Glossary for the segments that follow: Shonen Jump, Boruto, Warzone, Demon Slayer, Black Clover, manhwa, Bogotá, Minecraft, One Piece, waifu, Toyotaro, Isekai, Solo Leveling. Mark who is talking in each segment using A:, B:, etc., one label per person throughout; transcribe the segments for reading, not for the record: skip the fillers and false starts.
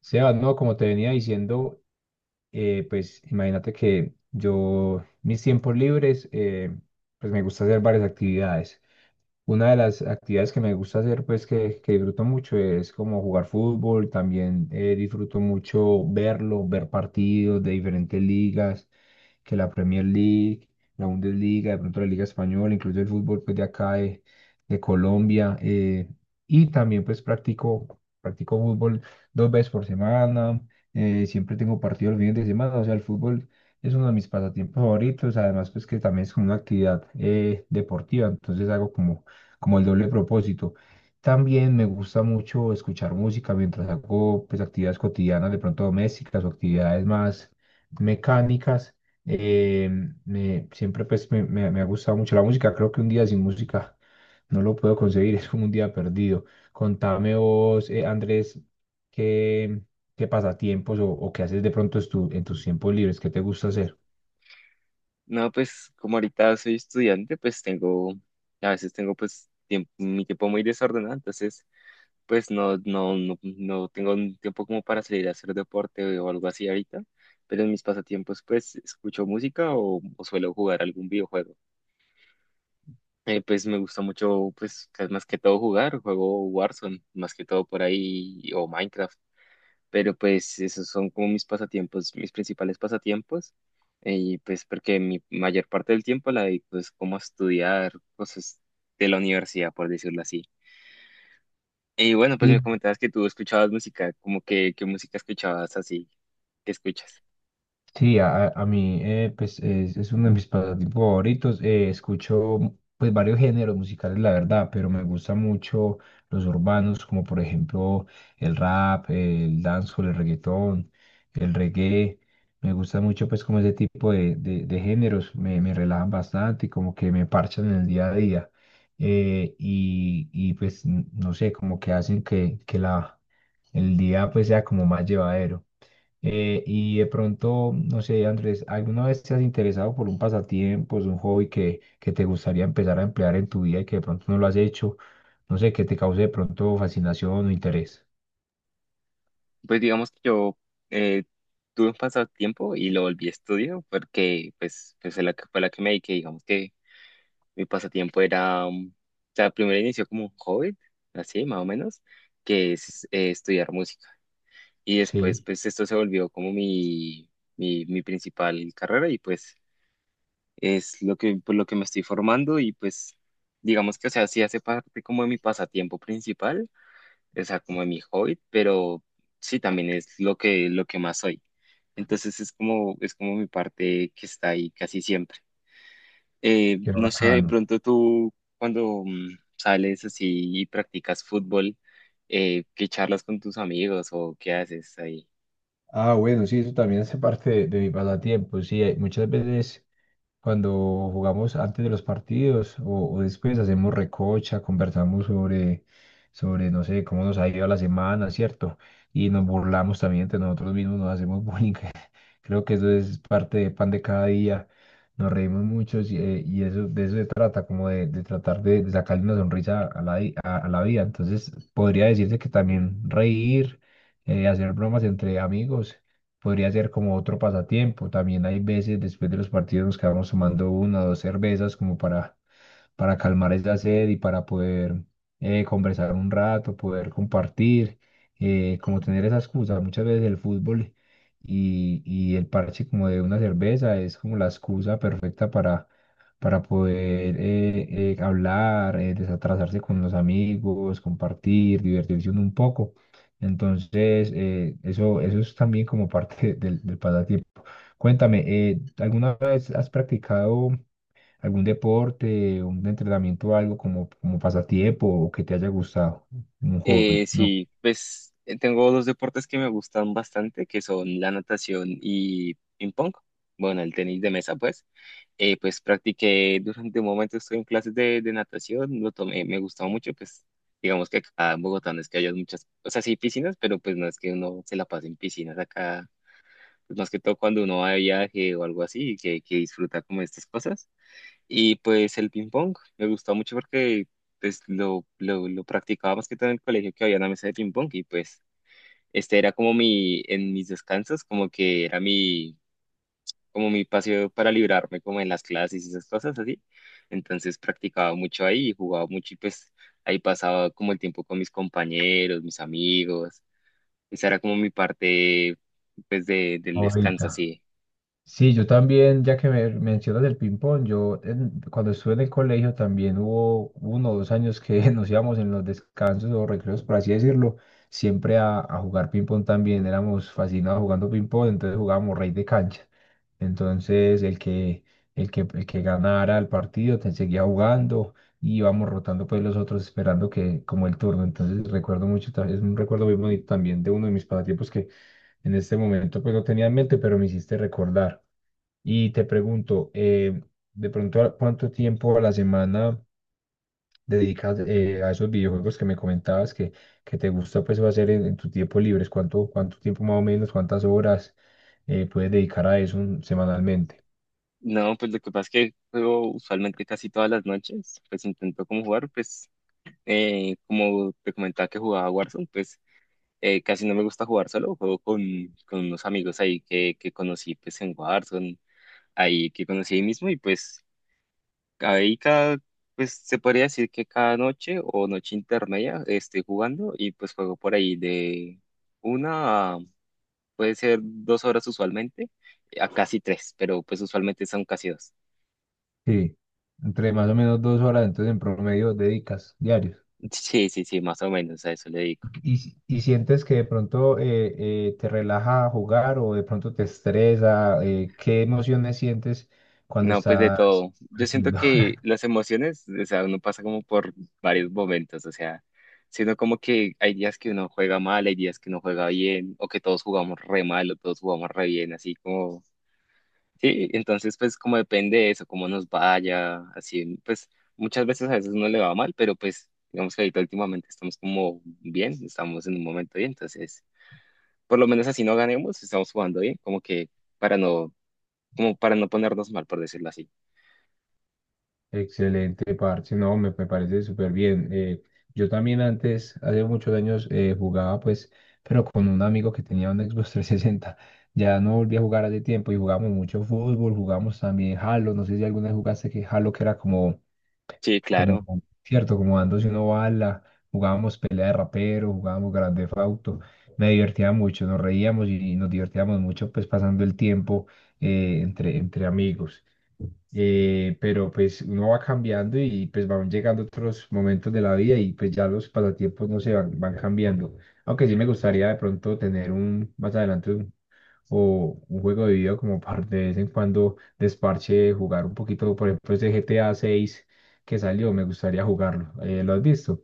A: Sebas, no, como te venía diciendo, pues imagínate que yo, mis tiempos libres, pues me gusta hacer varias actividades. Una de las actividades que me gusta hacer, pues que disfruto mucho, es como jugar fútbol, también disfruto mucho verlo, ver partidos de diferentes ligas que la Premier League, la Bundesliga, de pronto la Liga Española, incluso el fútbol pues, de Colombia. Y también pues practico fútbol dos veces por semana. Siempre tengo partidos los fines de semana, o sea, el fútbol es uno de mis pasatiempos favoritos, además pues que también es como una actividad deportiva, entonces hago como, como el doble propósito. También me gusta mucho escuchar música mientras hago pues actividades cotidianas, de pronto domésticas o actividades más mecánicas. Eh, Siempre pues me ha gustado mucho la música. Creo que un día sin música no lo puedo conseguir, es como un día perdido. Contame vos, Andrés, qué, qué pasatiempos o qué haces de pronto en tus tiempos libres, qué te gusta hacer.
B: No, pues como ahorita soy estudiante, pues tengo, a veces tengo pues mi tiempo muy desordenado. Entonces pues no tengo un tiempo como para salir a hacer deporte o algo así ahorita, pero en mis pasatiempos pues escucho música o suelo jugar algún videojuego. Pues me gusta mucho pues más que todo jugar, juego Warzone, más que todo por ahí, o Minecraft. Pero pues esos son como mis pasatiempos, mis principales pasatiempos, y pues porque mi mayor parte del tiempo la dedico es como a estudiar cosas de la universidad, por decirlo así. Y bueno, pues me comentabas que tú escuchabas música, como que, ¿qué música escuchabas así? ¿Qué escuchas?
A: Sí, a mí pues es uno de mis pasatiempos favoritos. Escucho pues varios géneros musicales, la verdad, pero me gustan mucho los urbanos, como por ejemplo el rap, el dancehall, el reggaetón, el reggae. Me gusta mucho pues como ese tipo de géneros, me relajan bastante y como que me parchan en el día a día. Y, pues no sé, como que hacen que la, el día pues sea como más llevadero. Y de pronto, no sé, Andrés, ¿alguna vez te has interesado por un pasatiempo, es un hobby que te gustaría empezar a emplear en tu vida y que de pronto no lo has hecho? No sé, que te cause de pronto fascinación o interés.
B: Pues digamos que yo eh, tuve un pasatiempo y lo volví a estudio porque pues, pues fue la que me dediqué. Digamos que mi pasatiempo era, o sea, primero inició como un hobby, así más o menos, que es estudiar música. Y después,
A: Sí.
B: pues esto se volvió como mi principal carrera, y pues es lo que, por lo que me estoy formando. Y pues digamos que, o sea, sí hace parte como de mi pasatiempo principal, o sea, como de mi hobby, pero sí también es lo que más soy. Entonces es como mi parte que está ahí casi siempre.
A: Qué
B: No sé, de
A: bacano.
B: pronto tú cuando sales así y practicas fútbol, ¿qué charlas con tus amigos o qué haces ahí?
A: Ah, bueno, sí, eso también hace parte de mi pasatiempo. Sí, muchas veces cuando jugamos antes de los partidos o después hacemos recocha, conversamos sobre, no sé, cómo nos ha ido la semana, ¿cierto? Y nos burlamos también entre nosotros mismos, nos hacemos bullying. Creo que eso es parte de pan de cada día. Nos reímos mucho y eso, de eso se trata, como de tratar de sacarle una sonrisa a la, a la vida. Entonces, podría decirse que también reír, hacer bromas entre amigos podría ser como otro pasatiempo. También hay veces después de los partidos nos quedamos tomando una o dos cervezas como para calmar esa sed y para poder conversar un rato, poder compartir, como tener esa excusa. Muchas veces el fútbol y el parche como de una cerveza es como la excusa perfecta para poder hablar, desatrasarse con los amigos, compartir, divertirse uno un poco. Entonces, eso, eso es también como parte del, del pasatiempo. Cuéntame, ¿alguna vez has practicado algún deporte, un entrenamiento, algo como, como pasatiempo o que te haya gustado, un hobby? No,
B: Sí, pues tengo dos deportes que me gustan bastante, que son la natación y ping pong. Bueno, el tenis de mesa, pues. Pues practiqué durante un momento, estoy en clases de natación, lo tomé, me gustaba mucho. Pues digamos que acá en Bogotá no es que haya muchas, o sea, sí hay piscinas, pero pues no es que uno se la pase en piscinas acá, pues más que todo cuando uno va de viaje o algo así, que disfruta como estas cosas. Y pues el ping pong me gustó mucho porque pues lo practicaba más que todo en el colegio, que había una mesa de ping pong. Y pues este era como mi, en mis descansos, como que era mi, como mi paseo para librarme como en las clases y esas cosas así. Entonces practicaba mucho ahí, jugaba mucho, y pues ahí pasaba como el tiempo con mis compañeros, mis amigos. Esa era como mi parte pues de, del descanso,
A: ahorita.
B: así.
A: Sí, yo también, ya que me mencionas el ping-pong, yo cuando estuve en el colegio también hubo uno o dos años que nos íbamos en los descansos o recreos, por así decirlo, siempre a jugar ping-pong también. Éramos fascinados jugando ping-pong, entonces jugábamos rey de cancha. Entonces el que ganara el partido te seguía jugando y íbamos rotando pues los otros esperando que como el turno. Entonces recuerdo mucho, es un recuerdo muy bonito también de uno de mis pasatiempos que en este momento pues no tenía en mente, pero me hiciste recordar. Y te pregunto, de pronto, ¿a ¿cuánto tiempo a la semana dedicas a esos videojuegos que me comentabas que te gusta pues hacer en tu tiempo libre? ¿Cuánto tiempo más o menos, cuántas horas puedes dedicar a eso semanalmente?
B: No, pues lo que pasa es que juego usualmente casi todas las noches. Pues intento como jugar, pues como te comentaba que jugaba Warzone. Pues casi no me gusta jugar solo, juego con unos amigos ahí que conocí pues en Warzone, ahí que conocí ahí mismo. Y pues ahí cada, pues se podría decir que cada noche o noche intermedia estoy jugando, y pues juego por ahí de una, puede ser dos horas usualmente, a casi tres, pero pues usualmente son casi dos.
A: Sí, entre más o menos dos horas, entonces en promedio dedicas diarios.
B: Sí, sí, sí, más o menos a eso le digo.
A: ¿Y, y sientes que de pronto te relaja jugar o de pronto te estresa? ¿Qué emociones sientes cuando
B: No, pues de
A: estás
B: todo. Yo siento
A: haciendo?
B: que las emociones, o sea, uno pasa como por varios momentos, o sea, sino como que hay días que uno juega mal, hay días que uno juega bien, o que todos jugamos re mal, o todos jugamos re bien, así como, sí. Entonces pues como depende de eso, cómo nos vaya, así, pues muchas veces a veces uno le va mal, pero pues digamos que ahorita últimamente estamos como bien, estamos en un momento bien. Entonces por lo menos así no ganemos, estamos jugando bien, como que para no, como para no ponernos mal, por decirlo así.
A: Excelente, parce. No, me parece súper bien. Yo también antes, hace muchos años, jugaba pues, pero con un amigo que tenía un Xbox 360. Ya no volví a jugar hace tiempo y jugamos mucho fútbol, jugamos también Halo. No sé si alguna vez jugaste que Halo, que era como,
B: Sí,
A: como,
B: claro.
A: cierto, como dándose una bala. Jugábamos pelea de rapero, jugábamos Grand Theft Auto. Me divertía mucho, nos reíamos y nos divertíamos mucho pues pasando el tiempo entre amigos, pero pues uno va cambiando y pues van llegando otros momentos de la vida y pues ya los pasatiempos no se van, van cambiando. Aunque sí me gustaría de pronto tener un más adelante un, o un juego de video como para de vez en cuando desparche, jugar un poquito, por ejemplo, ese GTA 6 que salió, me gustaría jugarlo. ¿Lo has visto?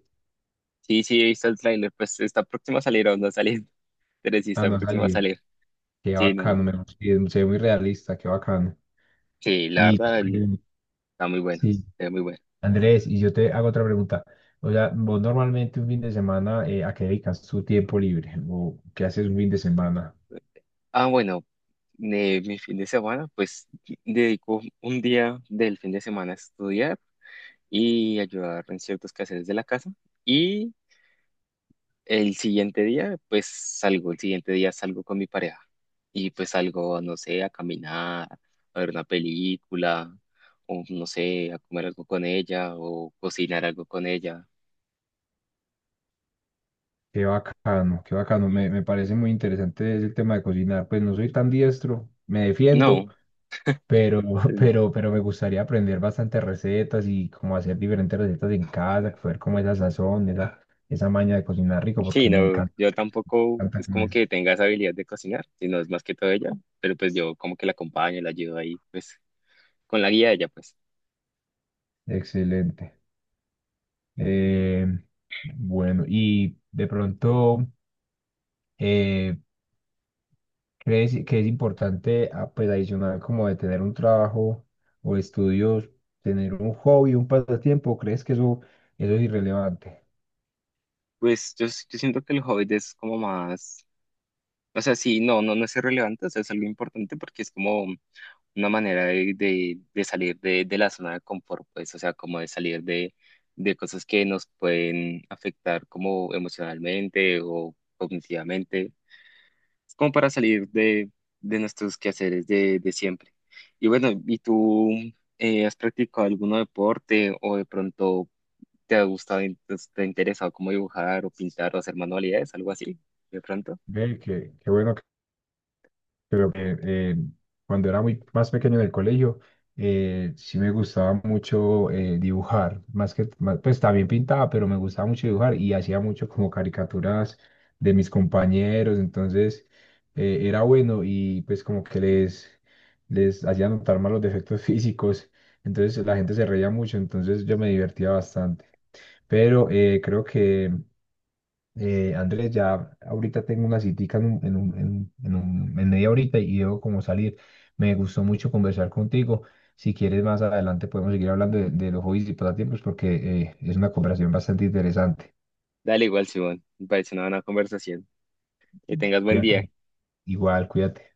B: Sí, sí, he visto el tráiler, pues está próximo a salir o no ha salido, pero sí
A: Ah,
B: está
A: no ha
B: próximo a
A: salido.
B: salir.
A: Qué
B: Sí,
A: bacano,
B: no.
A: me gusta, y se ve muy realista, qué bacano.
B: Sí, la
A: Y
B: verdad,
A: eh,
B: está muy bueno,
A: sí,
B: está muy bueno.
A: Andrés, y yo te hago otra pregunta. O sea, vos normalmente un fin de semana, ¿a qué dedicas tu tiempo libre? ¿O qué haces un fin de semana?
B: Ah, bueno, de mi fin de semana, pues dedico un día del fin de semana a estudiar y ayudar en ciertos quehaceres de la casa. Y el siguiente día, pues salgo, el siguiente día salgo con mi pareja, y pues salgo, no sé, a caminar, a ver una película, o no sé, a comer algo con ella o cocinar algo con ella.
A: Qué bacano, qué bacano. Me parece muy interesante el tema de cocinar. Pues no soy tan diestro, me defiendo,
B: No,
A: pero,
B: eh,
A: pero me gustaría aprender bastantes recetas y cómo hacer diferentes recetas en casa, ver cómo esa sazón, esa maña de cocinar rico,
B: sí,
A: porque
B: no, yo tampoco
A: me encanta
B: es como
A: comer.
B: que tenga esa habilidad de cocinar, sino es más que todo ella, pero pues yo como que la acompaño, la ayudo ahí, pues con la guía de ella, pues.
A: Excelente. Eh, bueno, y de pronto. Eh, ¿Crees que es importante, ah, pues adicional como de tener un trabajo o estudios, tener un hobby, un pasatiempo? ¿Crees que eso es irrelevante?
B: Pues yo, yo siento que el hobby es como más, o sea, sí, no, no, no es irrelevante, o sea, es algo importante porque es como una manera de salir de la zona de confort. Pues, o sea, como de salir de cosas que nos pueden afectar como emocionalmente o cognitivamente, como para salir de nuestros quehaceres de siempre. Y bueno, ¿y tú has practicado algún deporte, o de pronto te ha gustado, te ha interesado como dibujar o pintar o hacer manualidades, algo así, de pronto?
A: Ve, qué bueno. Pero cuando era muy más pequeño en el colegio, sí me gustaba mucho dibujar, pues también pintaba, pero me gustaba mucho dibujar y hacía mucho como caricaturas de mis compañeros, entonces era bueno y pues como que les hacía notar más los defectos físicos, entonces la gente se reía mucho, entonces yo me divertía bastante, pero creo que Andrés, ya ahorita tengo una citica en media horita y debo como salir. Me gustó mucho conversar contigo. Si quieres, más adelante podemos seguir hablando de los hobbies y pasatiempos porque es una conversación bastante interesante.
B: Dale, igual, Simón, me parece una buena conversación. Que tengas buen día.
A: Cuídate. Igual, cuídate.